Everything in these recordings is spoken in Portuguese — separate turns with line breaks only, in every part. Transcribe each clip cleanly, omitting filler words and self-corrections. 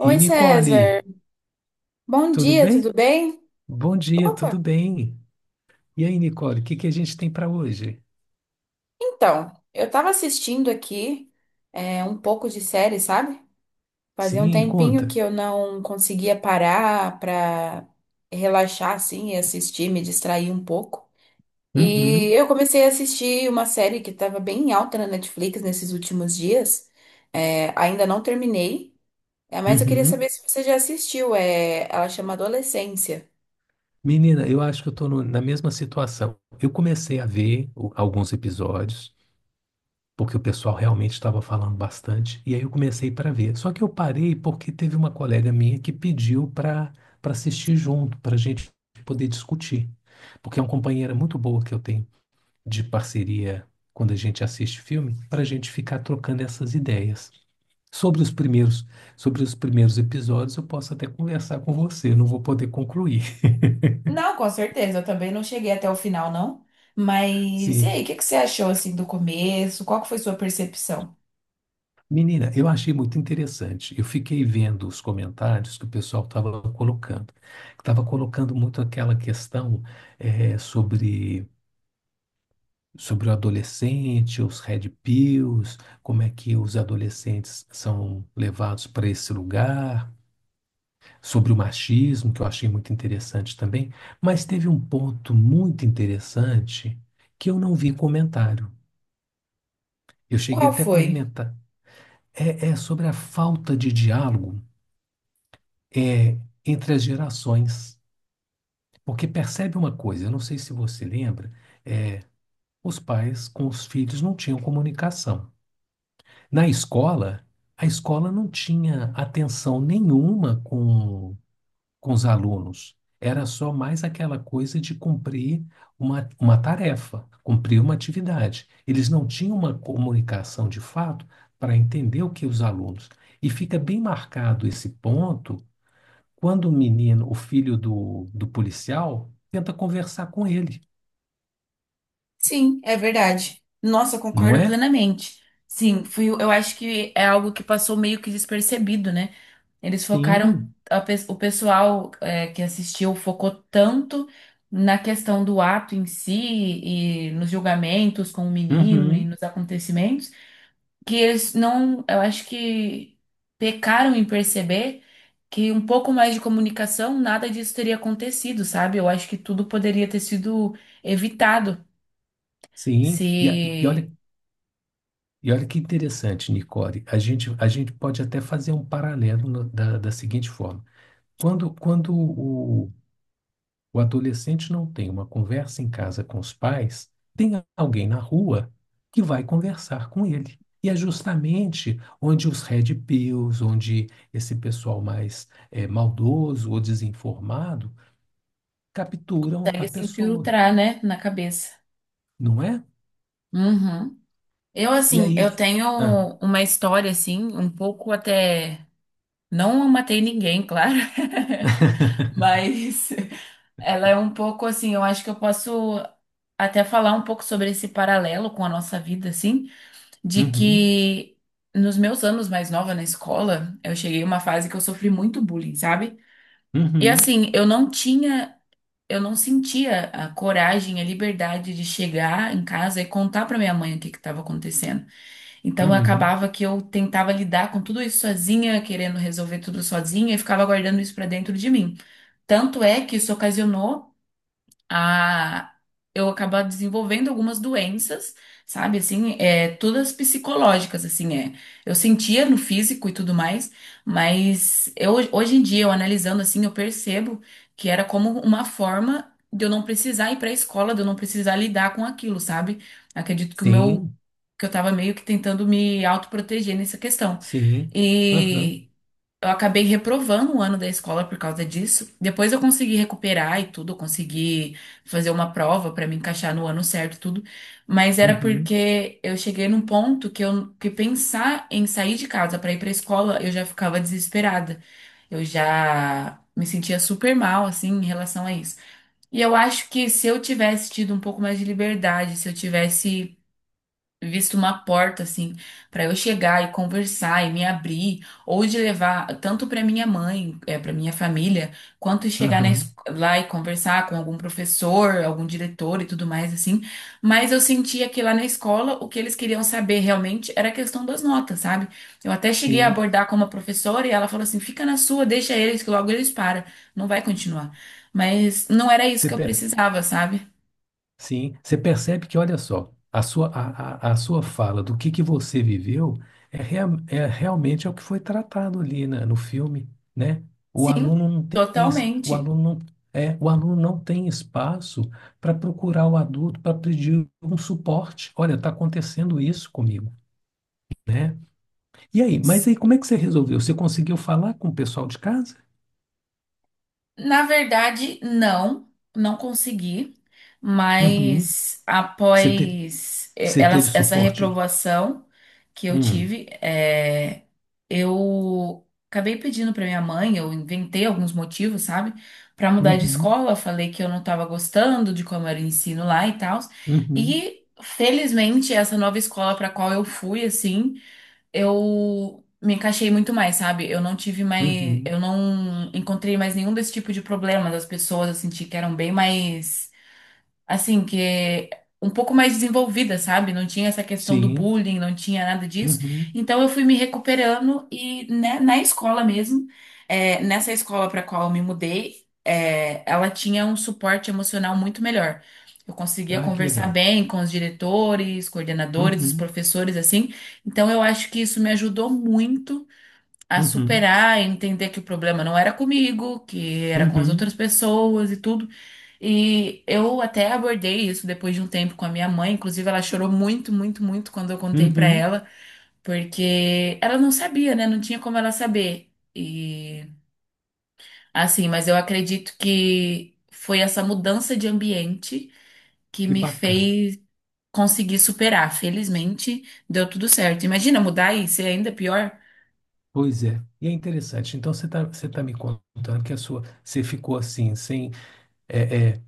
Ei,
Oi,
Nicole,
César. Bom
tudo
dia, tudo
bem?
bem?
Bom dia, tudo
Opa!
bem. E aí, Nicole, o que que a gente tem para hoje?
Então, eu tava assistindo aqui um pouco de série, sabe? Fazia um
Sim,
tempinho que
conta.
eu não conseguia parar pra relaxar assim e assistir, me distrair um pouco. E
Uhum,
eu comecei a assistir uma série que tava bem em alta na Netflix nesses últimos dias. Ainda não terminei, mas eu queria
uhum.
saber se você já assistiu. É, ela chama Adolescência.
Menina, eu acho que eu estou na mesma situação. Eu comecei a ver o- Alguns episódios, porque o pessoal realmente estava falando bastante, e aí eu comecei para ver. Só que eu parei porque teve uma colega minha que pediu para assistir junto, para a gente poder discutir. Porque é uma companheira muito boa que eu tenho de parceria quando a gente assiste filme, para a gente ficar trocando essas ideias. Sobre os primeiros, Sobre os primeiros episódios, eu posso até conversar com você, não vou poder concluir.
Não, com certeza. Eu também não cheguei até o final, não. Mas e aí, o
Sim.
que que você achou assim do começo? Qual que foi sua percepção?
Menina, eu achei muito interessante. Eu fiquei vendo os comentários que o pessoal estava colocando. Estava colocando muito aquela questão eh, sobre, sobre o adolescente, os red pills, como é que os adolescentes são levados para esse lugar, sobre o machismo, que eu achei muito interessante também, mas teve um ponto muito interessante que eu não vi comentário. Eu cheguei
Qual
até a
foi?
comentar. É, é sobre a falta de diálogo, é, entre as gerações. Porque percebe uma coisa, eu não sei se você lembra, os pais com os filhos não tinham comunicação. Na escola, a escola não tinha atenção nenhuma com os alunos. Era só mais aquela coisa de cumprir uma tarefa, cumprir uma atividade. Eles não tinham uma comunicação de fato para entender o que os alunos. E fica bem marcado esse ponto quando o menino, o filho do policial, tenta conversar com ele,
Sim, é verdade. Nossa, eu
não
concordo
é?
plenamente. Sim, fui, eu acho que é algo que passou meio que despercebido, né? Eles focaram,
Sim,
o pessoal que assistiu focou tanto na questão do ato em si e nos julgamentos com o menino e
uhum,
nos acontecimentos, que eles não, eu acho que pecaram em perceber que um pouco mais de comunicação, nada disso teria acontecido, sabe? Eu acho que tudo poderia ter sido evitado
sim. E
se
olha, e olha que interessante, Nicole. A gente pode até fazer um paralelo da seguinte forma. Quando, quando o, O adolescente não tem uma conversa em casa com os pais, tem alguém na rua que vai conversar com ele. E é justamente onde os red pills, onde esse pessoal mais maldoso ou desinformado capturam a
consegue se
pessoa,
infiltrar, né, na cabeça.
não é?
Uhum. Eu,
E
assim, eu
aí.
tenho
Ah,
uma história, assim, um pouco até. Não matei ninguém, claro, mas ela é um pouco assim. Eu acho que eu posso até falar um pouco sobre esse paralelo com a nossa vida, assim, de
uhum,
que nos meus anos mais nova na escola, eu cheguei a uma fase que eu sofri muito bullying, sabe? E
uhum,
assim, eu não tinha, eu não sentia a coragem, a liberdade de chegar em casa e contar pra minha mãe o que que estava acontecendo. Então, eu
uhum.
acabava que eu tentava lidar com tudo isso sozinha, querendo resolver tudo sozinha e ficava guardando isso pra dentro de mim. Tanto é que isso ocasionou a eu acabar desenvolvendo algumas doenças, sabe? Assim, todas psicológicas, assim, é. Eu sentia no físico e tudo mais, mas eu, hoje em dia, eu analisando assim, eu percebo que era como uma forma de eu não precisar ir para a escola, de eu não precisar lidar com aquilo, sabe? Acredito que o meu,
Sim,
que eu tava meio que tentando me autoproteger nessa questão.
sim, aham,
Eu acabei reprovando o ano da escola por causa disso. Depois eu consegui recuperar e tudo, eu consegui fazer uma prova pra me encaixar no ano certo e tudo. Mas era
uhum,
porque eu cheguei num ponto que eu que pensar em sair de casa pra ir pra escola, eu já ficava desesperada. Eu já me sentia super mal assim em relação a isso. E eu acho que se eu tivesse tido um pouco mais de liberdade, se eu tivesse visto uma porta assim para eu chegar e conversar e me abrir, ou de levar tanto para minha mãe, para minha família, quanto chegar
aham,
lá e conversar com algum professor, algum diretor e tudo mais assim. Mas eu sentia que lá na escola o que eles queriam saber realmente era a questão das notas, sabe? Eu até cheguei a
sim.
abordar com uma professora e ela falou assim: "Fica na sua, deixa eles que logo eles param, não vai continuar". Mas não era isso
Você
que eu
pe-
precisava, sabe?
Sim, você percebe que, olha só, a sua fala do que você viveu é, é realmente é o que foi tratado ali no filme, né? O
Sim,
aluno não tem, es- o
totalmente.
aluno não, é, o aluno não tem espaço para procurar o adulto para pedir um suporte. Olha, está acontecendo isso comigo, né? E aí, mas aí como é que você resolveu? Você conseguiu falar com o pessoal de casa?
Na verdade, não, não consegui,
Uhum.
mas
Você, te,
após
você teve
essa
suporte?
reprovação que eu
Hum.
tive, eu acabei pedindo para minha mãe, eu inventei alguns motivos, sabe, para mudar de
Uhum.
escola, falei que eu não estava gostando de como era o ensino lá e tal,
Uhum.
e felizmente essa nova escola para qual eu fui, assim eu me encaixei muito mais, sabe? Eu não tive mais, eu
Uhum.
não encontrei mais nenhum desse tipo de problema das pessoas, eu senti que eram bem mais assim, que é um pouco mais desenvolvida, sabe? Não tinha essa questão do
Sim.
bullying, não tinha nada disso.
Uhum.
Então eu fui me recuperando e né, na escola mesmo, nessa escola para qual eu me mudei, ela tinha suporte emocional muito melhor. Eu conseguia
Ah, que
conversar
legal.
bem com os diretores, coordenadores, os
Uhum.
professores, assim. Então eu acho que isso me ajudou muito a
Uhum.
superar, entender que o problema não era comigo, que era com as
Uhum.
outras pessoas e tudo. E eu até abordei isso depois de um tempo com a minha mãe, inclusive ela chorou muito, muito, muito quando eu contei pra
Uhum.
ela, porque ela não sabia, né? Não tinha como ela saber. E assim, mas eu acredito que foi essa mudança de ambiente que
Que
me
bacana.
fez conseguir superar. Felizmente, deu tudo certo. Imagina mudar e ser ainda pior.
Pois é. E é interessante. Então você tá me contando que a sua você ficou assim, sem é, é,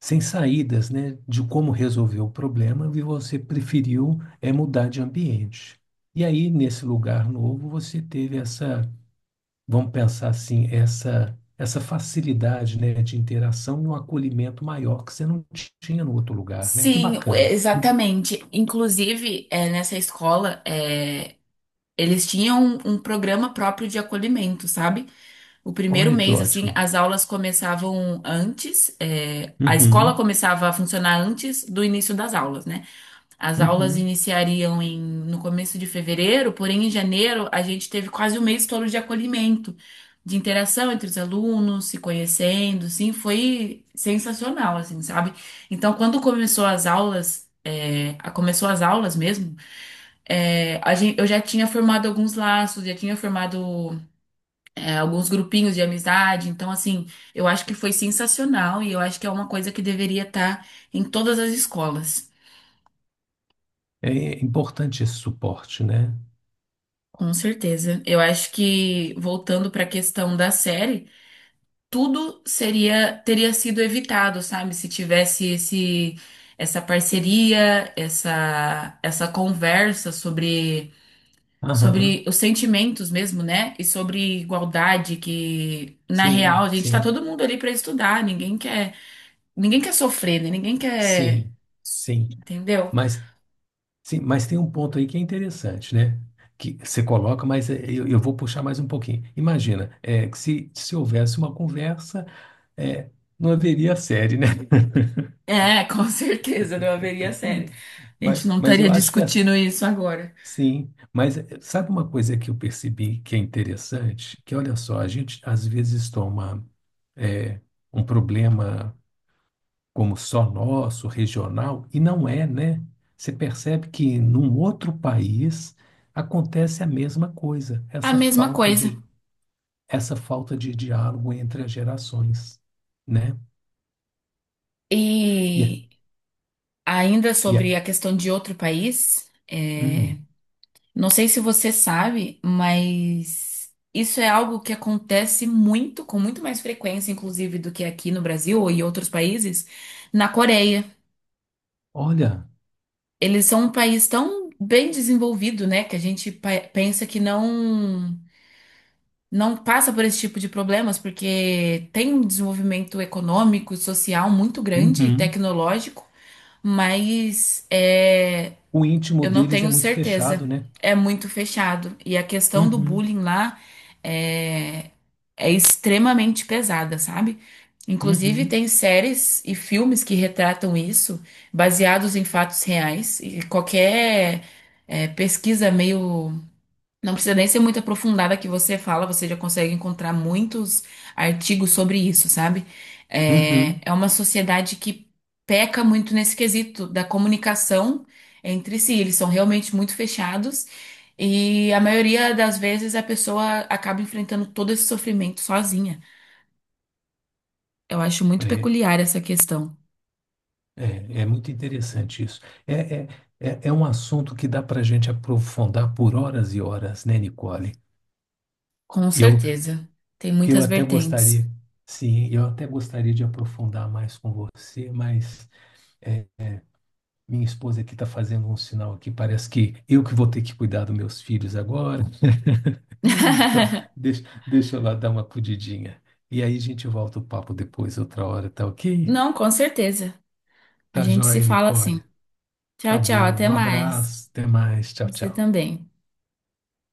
sem saídas, né, de como resolver o problema, e você preferiu é mudar de ambiente. E aí nesse lugar novo você teve essa, vamos pensar assim, essa essa facilidade, né, de interação e um acolhimento maior que você não tinha no outro lugar, né? Que
Sim, é,
bacana.
exatamente. Inclusive, nessa escola, eles tinham um programa próprio de acolhimento, sabe? O primeiro
Olha que
mês, assim,
ótimo.
as aulas começavam antes, a escola
Uhum,
começava a funcionar antes do início das aulas, né? As aulas
uhum.
iniciariam em, no começo de fevereiro, porém em janeiro a gente teve quase um mês todo de acolhimento, de interação entre os alunos, se conhecendo, sim, foi sensacional, assim, sabe? Então, quando começou as aulas, começou as aulas mesmo, a gente, eu já tinha formado alguns laços, já tinha formado, alguns grupinhos de amizade, então, assim, eu acho que foi sensacional e eu acho que é uma coisa que deveria estar em todas as escolas.
É importante esse suporte, né?
Com certeza. Eu acho que, voltando para a questão da série, tudo seria teria sido evitado, sabe? Se tivesse esse, essa parceria, essa conversa sobre,
Aham,
sobre os sentimentos mesmo, né? E sobre igualdade, que na real
sim,
a gente está
sim,
todo mundo ali para estudar, ninguém quer sofrer, né? Ninguém quer.
sim, sim.
Entendeu?
Mas, sim, mas tem um ponto aí que é interessante, né? Que você coloca, mas é, eu vou puxar mais um pouquinho. Imagina, é, que se houvesse uma conversa, é, não haveria série, né?
É, com certeza, não haveria série. A gente
Mas,
não
mas
estaria
eu acho que é,
discutindo isso agora.
sim. Mas é, sabe uma coisa que eu percebi que é interessante? Que olha só, a gente às vezes toma é, um problema, como só nosso, regional, e não é, né? Você percebe que num outro país acontece a mesma coisa,
A mesma coisa.
essa falta de diálogo entre as gerações, né? E, é-
E ainda
e é-
sobre a questão de outro país,
hum,
não sei se você sabe, mas isso é algo que acontece muito, com muito mais frequência, inclusive, do que aqui no Brasil ou em outros países, na Coreia.
olha,
Eles são um país tão bem desenvolvido, né, que a gente pensa que não. Não passa por esse tipo de problemas, porque tem um desenvolvimento econômico, e social muito grande e
uhum,
tecnológico. Mas é,
o íntimo
eu não
deles é
tenho
muito fechado,
certeza.
né?
É muito fechado. E a questão do
Uhum,
bullying lá é, é extremamente pesada, sabe? Inclusive,
uhum,
tem séries e filmes que retratam isso, baseados em fatos reais. E qualquer pesquisa meio, não precisa nem ser muito aprofundada que você fala, você já consegue encontrar muitos artigos sobre isso, sabe?
uhum.
É uma sociedade que peca muito nesse quesito da comunicação entre si. Eles são realmente muito fechados e a maioria das vezes a pessoa acaba enfrentando todo esse sofrimento sozinha. Eu acho muito
É,
peculiar essa questão.
é, é muito interessante isso. É, é, é é um assunto que dá para a gente aprofundar por horas e horas, né, Nicole?
Com
Eu,
certeza. Tem
Eu
muitas
até
vertentes.
gostaria, sim, eu até gostaria de aprofundar mais com você, mas é, minha esposa aqui está fazendo um sinal aqui, parece que eu que vou ter que cuidar dos meus filhos agora. Então, deixa eu lá dar uma acudidinha. E aí a gente volta o papo depois, outra hora, tá ok?
Não, com certeza. A
Tá
gente se
joia,
fala
Nicole.
assim.
Tá
Tchau, tchau.
bom,
Até
um
mais.
abraço, até mais, tchau,
Você
tchau.
também.